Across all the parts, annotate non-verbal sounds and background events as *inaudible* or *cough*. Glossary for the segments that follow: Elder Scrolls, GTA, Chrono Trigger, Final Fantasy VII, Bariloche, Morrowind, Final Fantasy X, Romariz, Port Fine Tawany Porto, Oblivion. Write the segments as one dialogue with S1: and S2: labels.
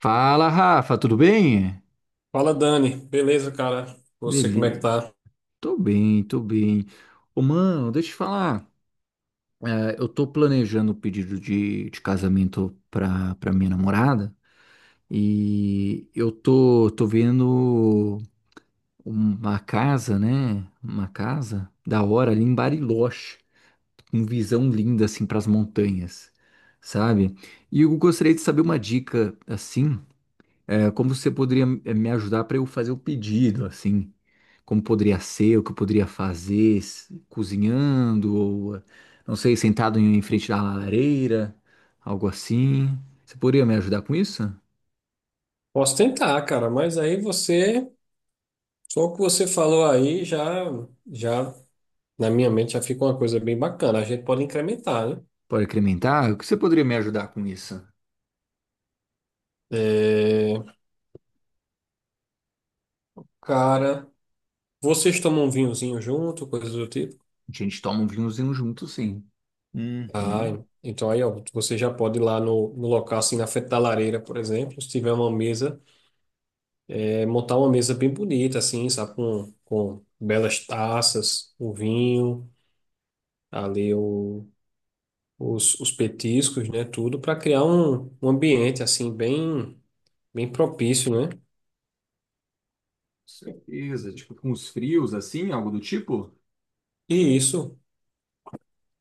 S1: Fala, Rafa, tudo bem?
S2: Fala, Dani. Beleza, cara? Você, como é que
S1: Ele,
S2: tá?
S1: tô bem, tô bem. Ô, mano, deixa eu te falar. Eu tô planejando o pedido de casamento pra minha namorada e eu tô vendo uma casa, né? Uma casa da hora ali em Bariloche, com visão linda assim pras montanhas, sabe? E eu gostaria de saber uma dica assim. Como você poderia me ajudar para eu fazer o pedido, assim? Como poderia ser, o que eu poderia fazer, cozinhando, ou não sei, sentado em frente da lareira, algo assim. Você poderia me ajudar com isso?
S2: Posso tentar, cara, mas aí você, só o que você falou aí já, já na minha mente já fica uma coisa bem bacana. A gente pode incrementar, né?
S1: Pode incrementar? O que você poderia me ajudar com isso?
S2: É, cara, vocês tomam um vinhozinho junto, coisa do tipo?
S1: A gente toma um vinhozinho junto, sim. Uhum.
S2: Ah,
S1: Com
S2: então aí, ó, você já pode ir lá no local, assim, na frente da lareira, por exemplo, se tiver uma mesa, é, montar uma mesa bem bonita, assim, sabe? Com belas taças, o vinho, ali o os petiscos, né, tudo, para criar um ambiente assim bem bem propício, né?
S1: certeza. Tipo, com os frios, assim, algo do tipo?
S2: E isso,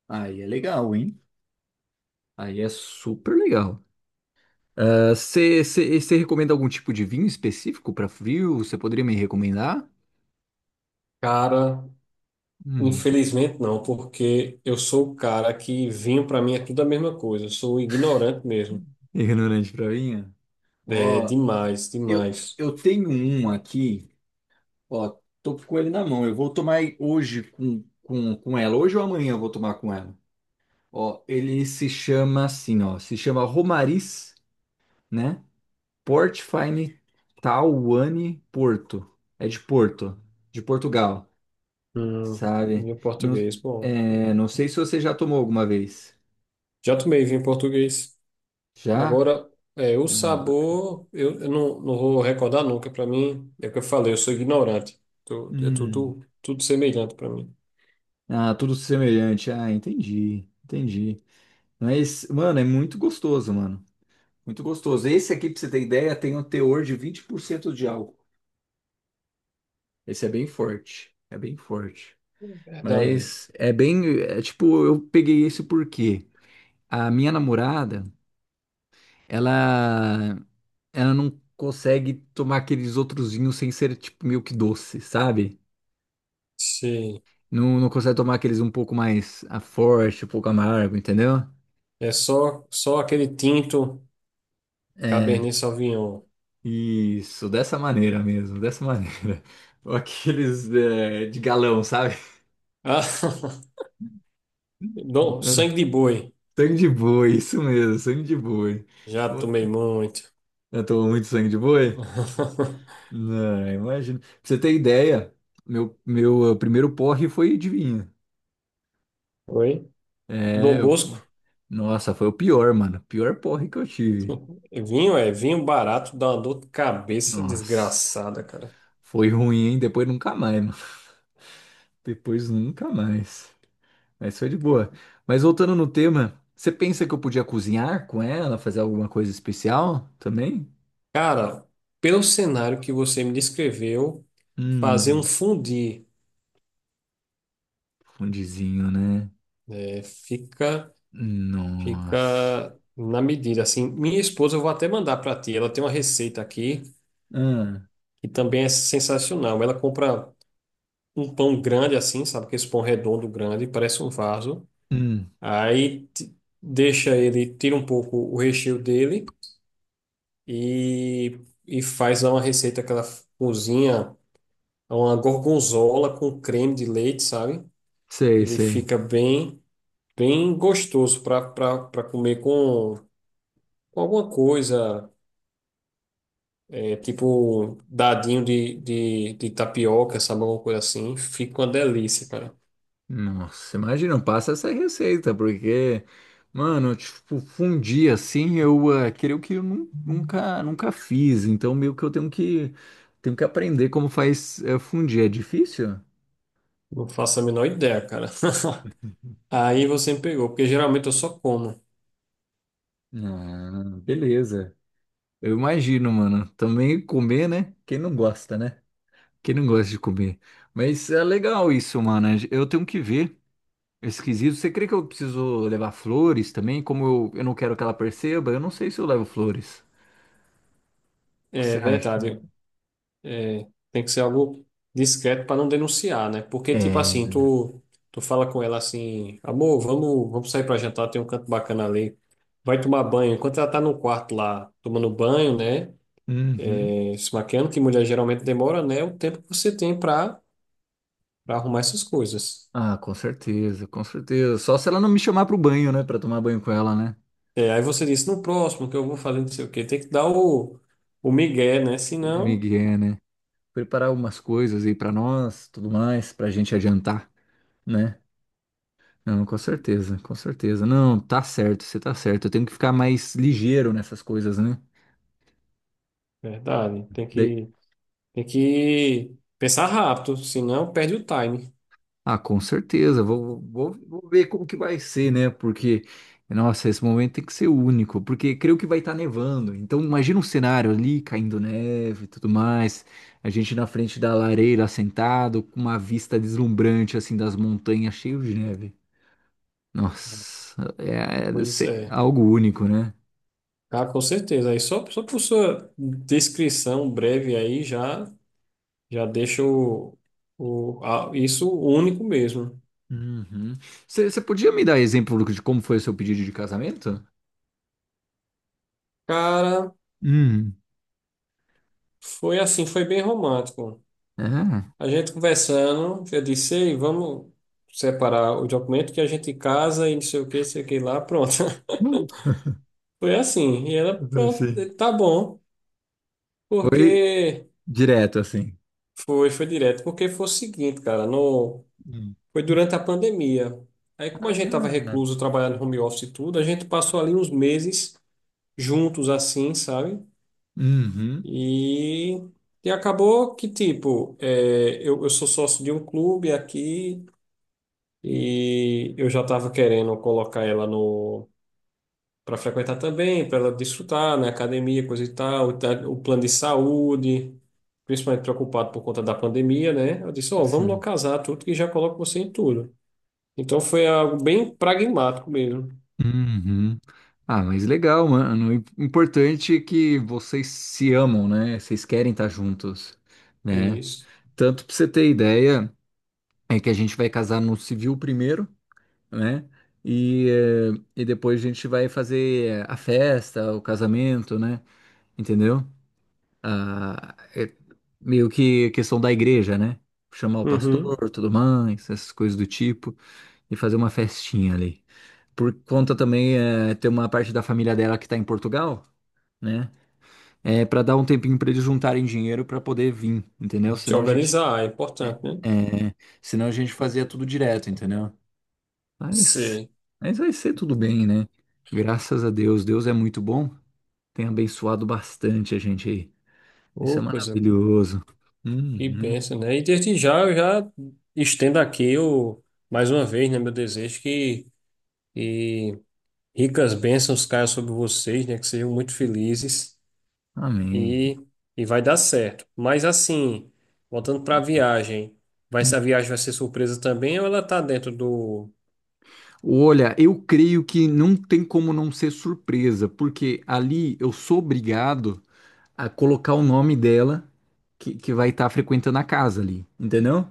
S1: Aí é legal, hein? Aí é super legal. Você recomenda algum tipo de vinho específico para frio? Você poderia me recomendar?
S2: cara,
S1: Hum,
S2: infelizmente não, porque eu sou o cara que vinho para mim é tudo a mesma coisa, eu sou ignorante mesmo.
S1: ignorante pra vinho?
S2: É
S1: Ó,
S2: demais,
S1: eu,
S2: demais.
S1: eu tenho um aqui, ó, tô com ele na mão. Eu vou tomar hoje com ela. Hoje ou amanhã eu vou tomar com ela. Ó, ele se chama assim, ó, se chama Romariz, né? Port Fine Tawany Porto. É de Porto, de Portugal,
S2: Hum,
S1: sabe?
S2: vinho
S1: Não,
S2: português, bom.
S1: é, não sei se você já tomou alguma vez.
S2: Já tomei vinho português.
S1: Já?
S2: Agora, é, o
S1: Ah, bacana.
S2: sabor, eu não, não vou recordar nunca. Para mim, é o que eu falei, eu sou ignorante. É
S1: Hum.
S2: tudo, tudo semelhante para mim.
S1: Ah, tudo semelhante. Ah, entendi, entendi. Mas, mano, é muito gostoso, mano. Muito gostoso. Esse aqui, pra você ter ideia, tem um teor de 20% de álcool. Esse é bem forte. É bem forte.
S2: Verdade.
S1: Mas é bem. É, tipo, eu peguei esse porque a minha namorada, ela, ela não consegue tomar aqueles outros vinhos sem ser, tipo, meio que doce, sabe?
S2: Sim.
S1: Não, não consegue tomar aqueles um pouco mais forte, um pouco amargo, entendeu?
S2: É só, só aquele tinto
S1: É,
S2: Cabernet Sauvignon.
S1: isso, dessa maneira mesmo, dessa maneira. *laughs* Aqueles é, de galão, sabe?
S2: Ah, *laughs*
S1: *laughs*
S2: Dom, sangue de boi.
S1: Sangue de boi, isso mesmo, sangue de boi.
S2: Já tomei muito.
S1: Eu tomo muito sangue de boi?
S2: *laughs*
S1: Não, imagina. Pra você ter ideia, meu primeiro porre foi de vinho.
S2: Oi?
S1: É,
S2: Dom
S1: eu-
S2: Bosco.
S1: Nossa, foi o pior, mano. Pior porre que eu tive.
S2: *laughs* Vinho é vinho barato, dá uma dor de cabeça
S1: Nossa,
S2: desgraçada, cara.
S1: foi ruim, hein? Depois nunca mais, mano. *laughs* Depois nunca mais. Mas foi de boa. Mas voltando no tema, você pensa que eu podia cozinhar com ela, fazer alguma coisa especial também?
S2: Cara, pelo cenário que você me descreveu, fazer um
S1: Hum,
S2: fundi
S1: fundizinho, né?
S2: né, fica,
S1: Nossa.
S2: fica na medida. Assim, minha esposa, eu vou até mandar para ti. Ela tem uma receita aqui,
S1: Ah,
S2: que também é sensacional. Ela compra um pão grande assim, sabe? Que esse pão redondo grande, parece um vaso.
S1: hum,
S2: Aí ti- Deixa ele, tira um pouco o recheio dele e, e faz lá uma receita que ela cozinha, uma gorgonzola com creme de leite, sabe?
S1: sei,
S2: Ele
S1: sei.
S2: fica bem, bem gostoso para para comer com alguma coisa, é, tipo um dadinho de tapioca, sabe? Alguma coisa assim. Fica uma delícia, cara.
S1: Nossa, imagina, passa essa receita, porque, mano, tipo, fundir assim, creio que eu nunca fiz, então meio que eu tenho tenho que aprender como faz fundir. É difícil?
S2: Não faço a menor ideia, cara. *laughs* Aí você me pegou, porque geralmente eu só como.
S1: Ah, beleza. Eu imagino, mano. Também comer, né? Quem não gosta, né? Quem não gosta de comer. Mas é legal isso, mano. Eu tenho que ver. É esquisito. Você crê que eu preciso levar flores também? Como eu não quero que ela perceba, eu não sei se eu levo flores. O que
S2: É
S1: você acha?
S2: verdade, tem que ser algo discreto para não denunciar, né? Porque, tipo
S1: É.
S2: assim, tu, tu fala com ela assim, amor, vamos, vamos sair para jantar, tem um canto bacana ali. Vai tomar banho. Enquanto ela tá no quarto lá, tomando banho, né?
S1: Uhum.
S2: Se maquiando, que mulher geralmente demora, né? É o tempo que você tem para para arrumar essas coisas.
S1: Ah, com certeza, com certeza. Só se ela não me chamar pro banho, né? Pra tomar banho com ela, né?
S2: É, aí você disse, no próximo, que eu vou fazer não sei o quê. Tem que dar o migué, né?
S1: O
S2: Senão,
S1: Miguel, né? Preparar algumas coisas aí pra nós, tudo mais, pra gente adiantar, né? Não, com certeza, com certeza. Não, tá certo, você tá certo. Eu tenho que ficar mais ligeiro nessas coisas, né?
S2: verdade, tem
S1: Daí-
S2: que tem que pensar rápido, senão perde o time.
S1: Ah, com certeza. Vou ver como que vai ser, né? Porque, nossa, esse momento tem que ser único, porque creio que vai estar nevando. Então, imagina um cenário ali caindo neve e tudo mais. A gente na frente da lareira sentado, com uma vista deslumbrante, assim, das montanhas cheio de neve. Nossa, é,
S2: Pois
S1: é
S2: é.
S1: algo único, né?
S2: Ah, com certeza. Aí só, só por sua descrição breve aí já, já deixa o, o isso único mesmo.
S1: Uhum. Você podia me dar exemplo de como foi o seu pedido de casamento?
S2: Cara,
S1: Hum.
S2: foi assim, foi bem romântico.
S1: Ah,
S2: A gente conversando, eu disse, ei, vamos separar o documento que a gente casa e não sei o que, sei o que lá, pronto. *laughs* Foi assim. E ela,
S1: *laughs*
S2: pronto,
S1: sim.
S2: tá bom.
S1: Foi
S2: Porque
S1: direto assim.
S2: foi, foi direto. Porque foi o seguinte, cara, no.
S1: Hum.
S2: Foi durante a pandemia. Aí, como a gente estava
S1: Ah,
S2: recluso, trabalhando home office e tudo, a gente passou ali uns meses juntos, assim, sabe?
S1: uhum,
S2: E, e acabou que, tipo, é, eu sou sócio de um clube aqui e eu já estava querendo colocar ela no para frequentar também, para ela desfrutar, né? Academia, coisa e tal, o plano de saúde, principalmente preocupado por conta da pandemia, né? Eu disse, ó, vamos
S1: sim.
S2: localizar tudo que já coloco você em tudo. Então foi algo bem pragmático mesmo.
S1: Uhum. Ah, mas legal, mano. O importante é que vocês se amam, né? Vocês querem estar juntos, né?
S2: Isso.
S1: Tanto pra você ter ideia, é que a gente vai casar no civil primeiro. Né? E depois a gente vai fazer a festa, o casamento, né? Entendeu? Ah, é meio que questão da igreja, né? Chamar o
S2: Uhum.
S1: pastor, tudo mais, essas coisas do tipo, e fazer uma festinha ali. Por conta também, ter uma parte da família dela que tá em Portugal, né? É para dar um tempinho para eles juntarem dinheiro para poder vir, entendeu?
S2: Se
S1: Senão a gente,
S2: organizar é importante, né?
S1: eh, senão a gente fazia tudo direto, entendeu? Mas,
S2: Sim.
S1: mas vai ser tudo bem, né? Graças a Deus, Deus é muito bom, tem abençoado bastante a gente aí. Isso é
S2: Ô, coisa
S1: maravilhoso.
S2: que
S1: Uhum.
S2: benção, né? E desde já eu já estendo aqui o, mais uma vez, né, meu desejo que ricas bênçãos caiam sobre vocês, né? Que sejam muito felizes
S1: Amém.
S2: e, e vai dar certo. Mas assim, voltando para a viagem, vai,
S1: Hum.
S2: se a viagem vai ser surpresa também ou ela tá dentro do.
S1: Olha, eu creio que não tem como não ser surpresa, porque ali eu sou obrigado a colocar o nome dela que vai estar frequentando a casa ali, entendeu?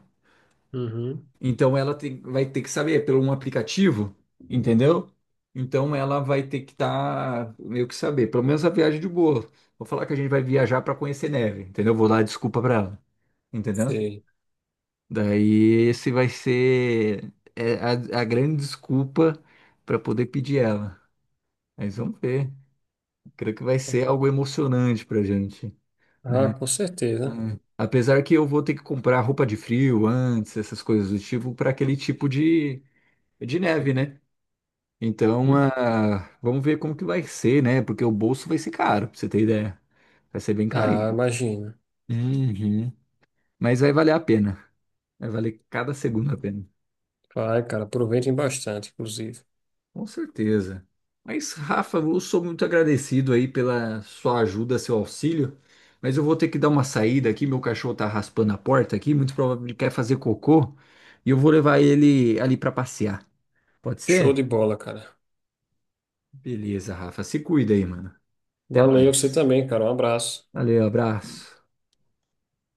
S2: Uhum.
S1: Então vai ter que saber é pelo um aplicativo, entendeu? Então ela vai ter que estar meio que saber, pelo menos a viagem de boa. Vou falar que a gente vai viajar para conhecer neve, entendeu? Vou dar desculpa para ela, entendeu?
S2: Sei.
S1: Daí esse vai ser a grande desculpa para poder pedir ela. Mas vamos ver. Creio que vai ser algo emocionante pra gente, né?
S2: Ah, com certeza.
S1: É. Apesar que eu vou ter que comprar roupa de frio antes, essas coisas do tipo, para aquele tipo de neve, né? Então, ah, vamos ver como que vai ser, né? Porque o bolso vai ser caro, pra você ter ideia. Vai ser bem
S2: Ah,
S1: carinho.
S2: imagina.
S1: Uhum. Mas vai valer a pena. Vai valer cada segundo a pena.
S2: Vai, cara, aproveitem bastante, inclusive.
S1: Com certeza. Mas, Rafa, eu sou muito agradecido aí pela sua ajuda, seu auxílio. Mas eu vou ter que dar uma saída aqui. Meu cachorro tá raspando a porta aqui. Muito provavelmente ele quer fazer cocô. E eu vou levar ele ali pra passear. Pode
S2: Show
S1: ser?
S2: de bola, cara.
S1: Beleza, Rafa. Se cuida aí, mano. Até
S2: Valeu, você
S1: mais.
S2: também, cara. Um abraço.
S1: Valeu, abraço.